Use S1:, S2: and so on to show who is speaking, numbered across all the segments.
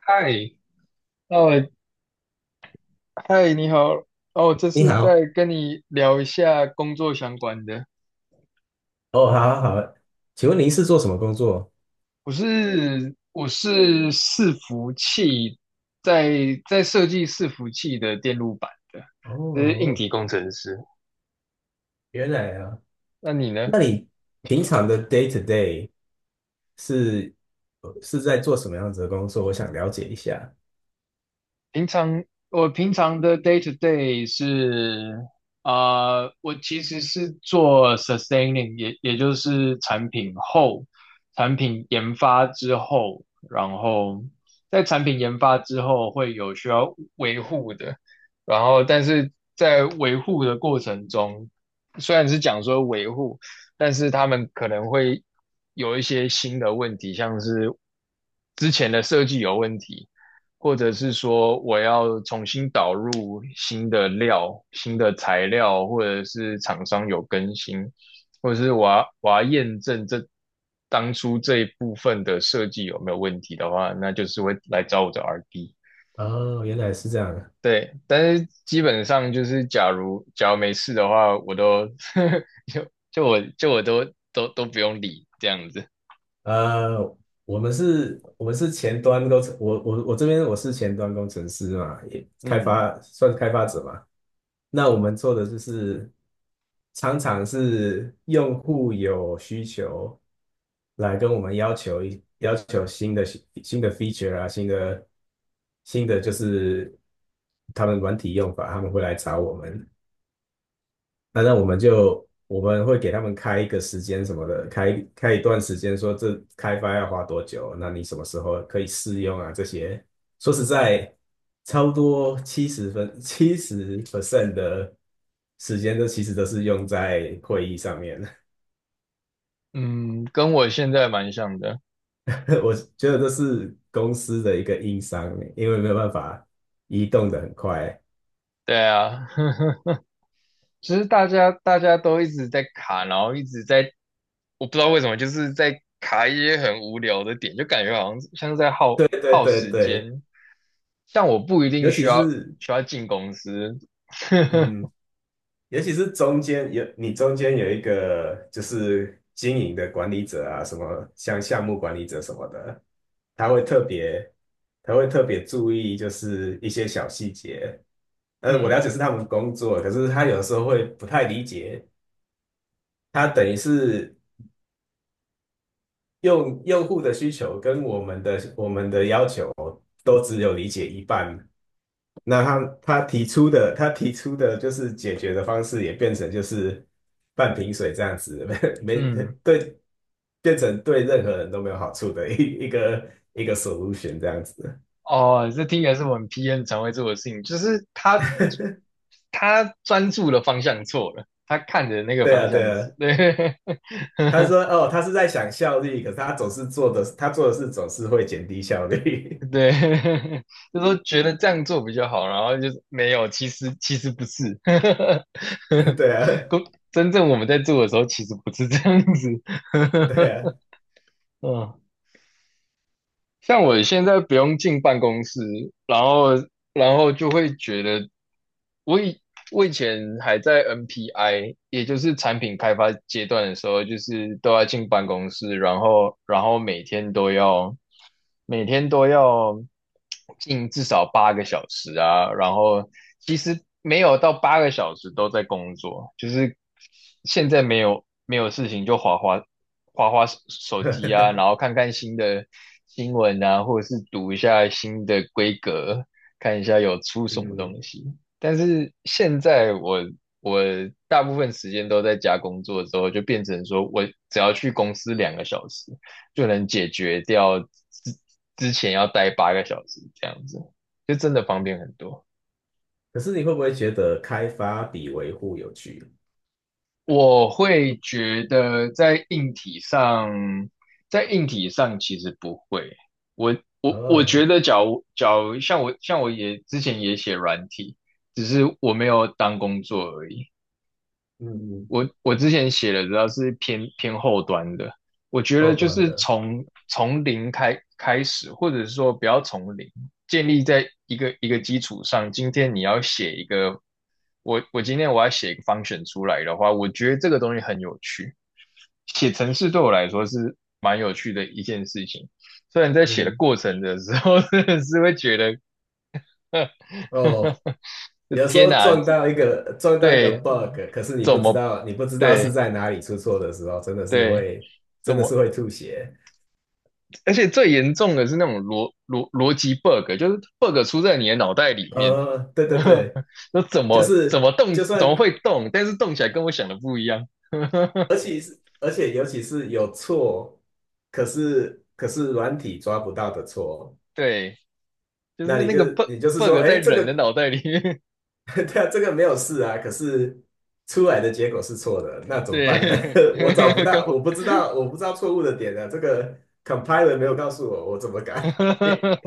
S1: 嗨，哦，嗨，你好，哦，这
S2: 你
S1: 是
S2: 好，
S1: 在跟你聊一下工作相关的。
S2: 哦，好好好，请问您是做什么工作？
S1: 我是伺服器，在设计伺服器的电路板的，就是硬
S2: 哦，
S1: 体工程师。
S2: 原来啊，
S1: 那你呢？
S2: 那你平常的 day to day 是是在做什么样子的工作？我想了解一下。
S1: 平常我平常的 day to day 是，啊，我其实是做 sustaining，也就是产品后，产品研发之后，然后在产品研发之后会有需要维护的，然后但是在维护的过程中，虽然是讲说维护，但是他们可能会有一些新的问题，像是之前的设计有问题。或者是说我要重新导入新的料、新的材料，或者是厂商有更新，或者是我要验证当初这一部分的设计有没有问题的话，那就是会来找我的 RD。
S2: 哦，原来是这样。
S1: 对，但是基本上就是，假如没事的话，我都 就就我就我都都都不用理这样子。
S2: 呃，我们是前端工程，我这边我是前端工程师嘛，也开
S1: 嗯
S2: 发算是开发者嘛。那我们做的就是常常是用户有需求来跟我们要求新的 feature 啊，新的就是他们软体用法，他们会来找我们。那我们会给他们开一个时间什么的，开一段时间，说这开发要花多久，那你什么时候可以试用啊？这些说实在，超多70% 的时间，都其实都是用在会议上面。
S1: 嗯，跟我现在蛮像的。
S2: 我觉得这是公司的一个硬伤，因为没有办法移动的很快。
S1: 对啊。其实大家都一直在卡，然后一直在，我不知道为什么，就是在卡一些很无聊的点，就感觉好像是在耗
S2: 对对
S1: 耗
S2: 对
S1: 时
S2: 对，
S1: 间。像我不一定
S2: 尤
S1: 需
S2: 其
S1: 要
S2: 是
S1: 需要进公司，
S2: 嗯，尤其是中间有一个就是经营的管理者啊，什么像项目管理者什么的，他会特别他会特别注意就是一些小细节。我了
S1: 嗯
S2: 解是他们工作，可是他有的时候会不太理解，他等于是用户的需求跟我们的要求都只有理解一半，那他提出的就是解决的方式也变成就是半瓶水这样子，没没
S1: 嗯，
S2: 对，变成对任何人都没有好处的一个 solution 这样子。
S1: 哦，这听起来是我们 p n 常会做的事情，就是他专注的方向错了，他看着那个
S2: 对
S1: 方
S2: 啊，对
S1: 向是，
S2: 啊。
S1: 对，
S2: 他说：“哦，他是在想效率，可是他总是做的，他做的事总是会减低效率。
S1: 对，就说觉得这样做比较好，然后就是没有，其实不是，
S2: 对啊，
S1: 公真正我们在做的时候，其实不是这样子。
S2: 对 啊。
S1: 嗯，像我现在不用进办公室，然后然后就会觉得，我以我以前还在 NPI，也就是产品开发阶段的时候，就是都要进办公室，然后每天都要进至少八个小时啊，然后其实没有到八个小时都在工作，就是。现在没有事情就划手机啊，然后 看看新的新闻啊，或者是读一下新的规格，看一下有出什么
S2: 嗯，
S1: 东西。但是现在我大部分时间都在家工作之后，就变成说我只要去公司2个小时，就能解决掉之前要待八个小时这样子，就真的方便很多。
S2: 可是你会不会觉得开发比维护有趣？
S1: 我会觉得在硬体上，在硬体上其实不会。我我
S2: 哦，
S1: 觉得假如，假如像我也之前也写软体，只是我没有当工作而已。
S2: 嗯，
S1: 我之前写的主要是偏后端的，我觉得
S2: 后
S1: 就
S2: 端
S1: 是
S2: 的，
S1: 从零开始，或者是说不要从零，建立在一个一个基础上。今天你要写一个，我今天要写一个 function 出来的话，我觉得这个东西很有趣。写程式对我来说是蛮有趣的一件事情，虽然在写的
S2: 嗯，
S1: 过程的时候，真的是会觉得，呵呵
S2: 哦，
S1: 呵，
S2: 有时
S1: 天
S2: 候
S1: 哪，
S2: 撞到一
S1: 这
S2: 个撞到一个
S1: 对，
S2: bug，
S1: 嗯
S2: 可是你
S1: 怎
S2: 不知
S1: 么
S2: 道你不知道是
S1: 对？
S2: 在哪里出错的时候，真的是
S1: 对，
S2: 会真
S1: 怎
S2: 的是
S1: 么？
S2: 会吐血。
S1: 而且最严重的是那种逻辑 bug，就是 bug 出在你的脑袋里面，
S2: 对对 对，
S1: 那怎
S2: 就
S1: 么怎
S2: 是
S1: 么动，
S2: 就
S1: 怎么
S2: 算，
S1: 会动，但是动起来跟我想的不一样。
S2: 而且尤其是有错，可是软体抓不到的错，
S1: 对，就
S2: 那
S1: 是
S2: 你
S1: 那
S2: 就
S1: 个 bug
S2: 你就是说，
S1: bug 在
S2: 哎，这
S1: 人的
S2: 个
S1: 脑袋里面。
S2: 对啊，这个没有事啊，可是出来的结果是错的，那 怎么办呢？
S1: 对，
S2: 我找不
S1: 跟
S2: 到，我
S1: 我
S2: 不知道，我不知道错误的点啊，这个 compiler 没有告诉我，我怎么改？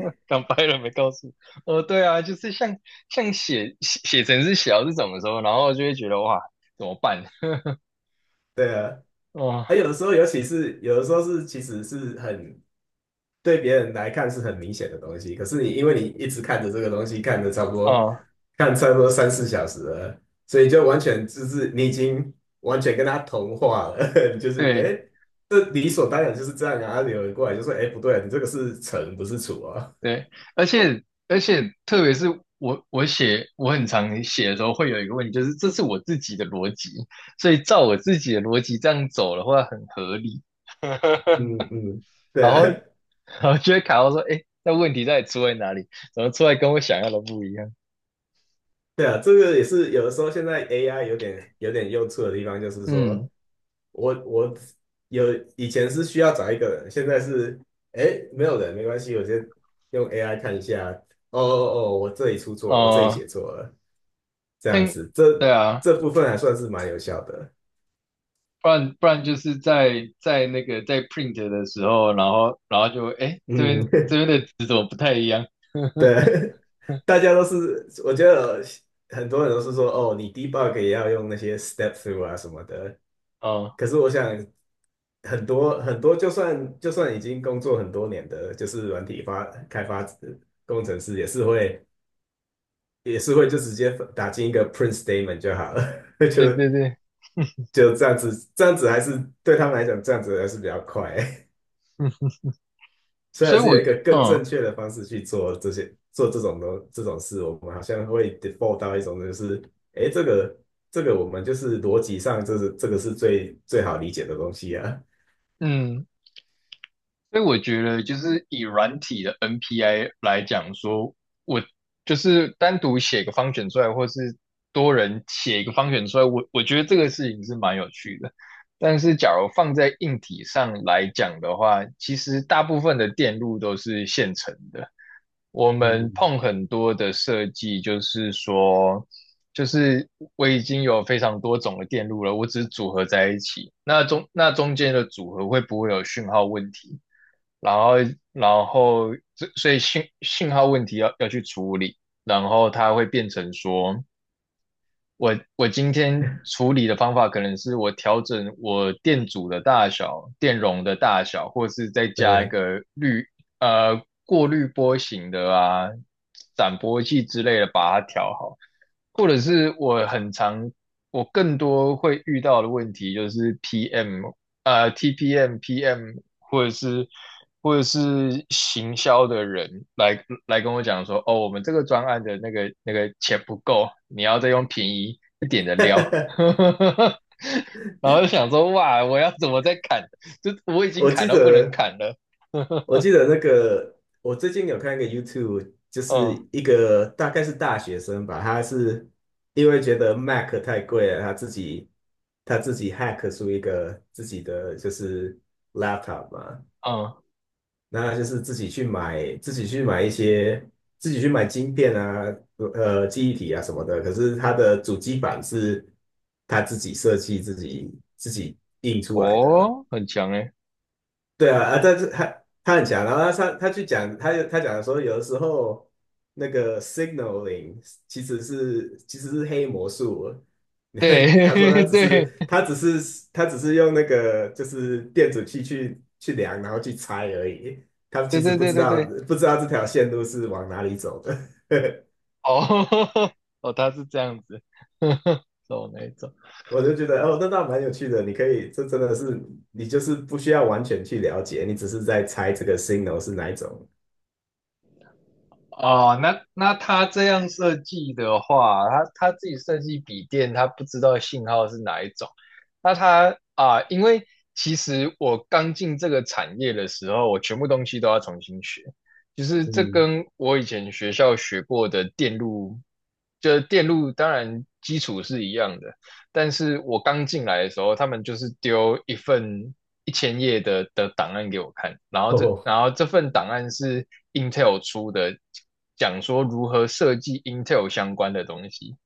S1: 讲白了没告诉我。对啊，就是像写程式写到这种的时候，然后就会觉得哇，怎么办？
S2: 对啊，
S1: 哦
S2: 还有的时候，尤其是有的时候其实是对别人来看是很明显的东西，可是你因为你一直看着这个东西，
S1: 哦，
S2: 看差不多三四小时了，所以就完全就是你已经完全跟他同化了，就是
S1: 对。
S2: 哎，这理所当然就是这样啊。有人过来就说，哎，不对啊，你这个是乘不是除啊。
S1: 对，而且而且，特别是我我很常写的时候，会有一个问题，就是这是我自己的逻辑，所以照我自己的逻辑这样走的话很合理
S2: 嗯嗯，对
S1: 然后
S2: 啊，
S1: 然后就会卡到说，哎，那问题到底出在哪里？怎么出来跟我想要的不一样？
S2: 对啊，这个也是有的时候现在 AI 有点用处的地方，就是说。
S1: 嗯，
S2: 我以前是需要找一个人，现在是哎没有人没关系，我先用 AI 看一下。哦哦哦，我这里出错，我这里
S1: 呃，
S2: 写错了，这样
S1: 像
S2: 子，这
S1: 对啊，
S2: 这部分还算是蛮有效的。
S1: 不然就是在在那个在 print 的时候，然后就哎这
S2: 嗯，
S1: 边这边的值怎么不太一样？
S2: 对，大家都是，我觉得很多人都是说哦，你 debug 也要用那些 step through 啊什么的。
S1: 哦，
S2: 可是我想很多很多，就算已经工作很多年的，就是软体开发工程师也是会。也是会就直接打进一个 print statement 就好了，就
S1: 对对对。
S2: 就这样子，这样子还是对他们来讲，这样子还是比较快。虽
S1: 所
S2: 然
S1: 以
S2: 是
S1: 我
S2: 有一个更
S1: 嗯
S2: 正确的方式去做这种事，我们好像会 default 到一种就是，哎，这个我们就是逻辑上这个是最好理解的东西啊。
S1: 嗯，所以我觉得，就是以软体的 NPI 来讲说，我就是单独写个方选出来，或是多人写一个方选出来，我觉得这个事情是蛮有趣的。但是，假如放在硬体上来讲的话，其实大部分的电路都是现成的。我们
S2: 嗯，
S1: 碰很多的设计，就是说，就是我已经有非常多种的电路了，我只是组合在一起。那中间的组合会不会有讯号问题？然后然后所以信号问题要去处理，然后它会变成说，我今天处理的方法可能是我调整我电阻的大小、电容的大小，或是再加一
S2: 对，
S1: 个过滤波形的啊、斩波器之类的把它调好，或者是我很常我更多会遇到的问题就是 PM TPM、PM 或者是或者是行销的人来跟我讲说，哦，我们这个专案的那个钱不够，你要再用便宜一点的料，然后就想说，哇，我要怎么再砍？就我已经
S2: 我
S1: 砍
S2: 记
S1: 到不能
S2: 得
S1: 砍了，
S2: 我记 得那个，我最近有看一个 YouTube，就是
S1: 嗯
S2: 一个大概是大学生吧，他是因为觉得 Mac 太贵了，他自己 hack 出一个自己的就是 laptop 嘛，
S1: 嗯，
S2: 那就是自己去买晶片啊，记忆体啊什么的，可是他的主机板是他自己设计自己印出来的。
S1: 哦，很强诶，
S2: 对啊，啊，但是他很强，然后他去讲，他讲说，有的时候那个 signaling 其实是黑魔术。他说他
S1: 对
S2: 只是
S1: 对
S2: 他只是他只是用那个就是电子器去量，然后去猜而已。他
S1: 对
S2: 其实
S1: 对
S2: 不
S1: 对
S2: 知
S1: 对
S2: 道
S1: 对，
S2: 不知道这条线路是往哪里走的。
S1: 哦 哦，他是这样子，走那一种。
S2: 我就觉得哦，那倒蛮有趣的。你可以，这真的是你就是不需要完全去了解，你只是在猜这个 signal 是哪一种。
S1: 哦，那他这样设计的话，他自己设计笔电，他不知道信号是哪一种。那他啊，因为其实我刚进这个产业的时候，我全部东西都要重新学，就是这
S2: 嗯，
S1: 跟我以前学校学过的电路，就是电路当然基础是一样的，但是我刚进来的时候，他们就是丢一份1,000页的档案给我看，然 后这
S2: 哦
S1: 然后这份档案是 Intel 出的，讲说如何设计 Intel 相关的东西，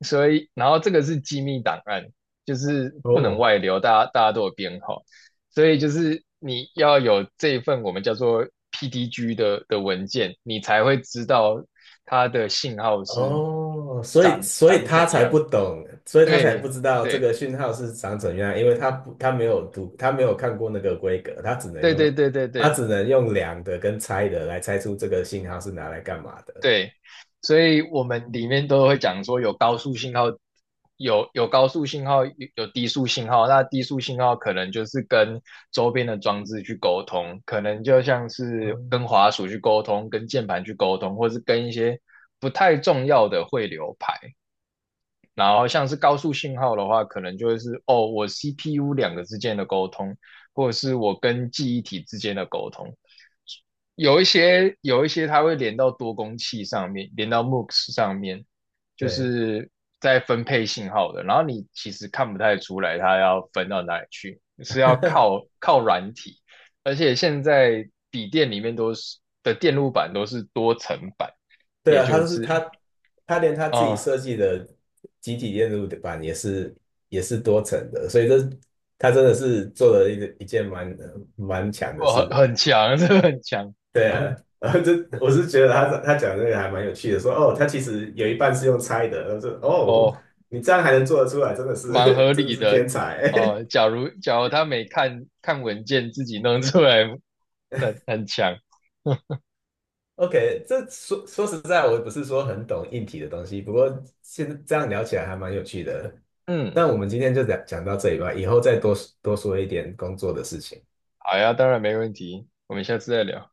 S1: 所以然后这个是机密档案，就是不能
S2: 哦，
S1: 外流，大家都有编号，所以就是你要有这一份我们叫做 PDG 的文件，你才会知道它的信号是
S2: 哦，所以
S1: 长
S2: 所以
S1: 长
S2: 他
S1: 怎
S2: 才
S1: 样，
S2: 不懂，所以他才不
S1: 对。
S2: 知道这
S1: 对，
S2: 个讯号是长怎样，因为他没有读，他没有看过那个规格，他只能
S1: 对对
S2: 用
S1: 对对
S2: 他
S1: 对
S2: 只能用量的跟猜的来猜出这个信号是拿来干嘛的。
S1: 对，所以我们里面都会讲说有高速信号，有高速信号，有低速信号。那低速信号可能就是跟周边的装置去沟通，可能就像是跟
S2: 嗯，
S1: 滑鼠去沟通，跟键盘去沟通，或是跟一些不太重要的汇流排。然后像是高速信号的话，可能就会是哦，我 CPU 两个之间的沟通，或者是我跟记忆体之间的沟通。有一些它会连到多工器上面，连到 MUX 上面，就
S2: 对
S1: 是在分配信号的。然后你其实看不太出来它要分到哪里去，是要靠软体。而且现在笔电里面的电路板都是多层板，
S2: 对
S1: 也
S2: 啊，他
S1: 就
S2: 就是
S1: 是
S2: 他他连他自己
S1: 哦，
S2: 设计的集体电路板也是多层的，所以他真的是做了一件蛮强的
S1: 哦，很
S2: 事。
S1: 很强，这个很强，
S2: 对啊，然后我 是觉得他讲这个还蛮有趣的，说哦，他其实有一半是用猜的，他说哦，
S1: 哦，
S2: 你这样还能做得出来，真的
S1: 蛮
S2: 是
S1: 合
S2: 真的
S1: 理
S2: 是
S1: 的。
S2: 天才。
S1: 哦，假如他没看看文件自己弄出来，很强。
S2: OK，说实在，我也不是说很懂硬体的东西，不过现在这样聊起来还蛮有趣的。
S1: 嗯，
S2: 那我们今天就讲到这里吧，以后再多多说一点工作的事情。
S1: 好呀，当然没问题，我们下次再聊。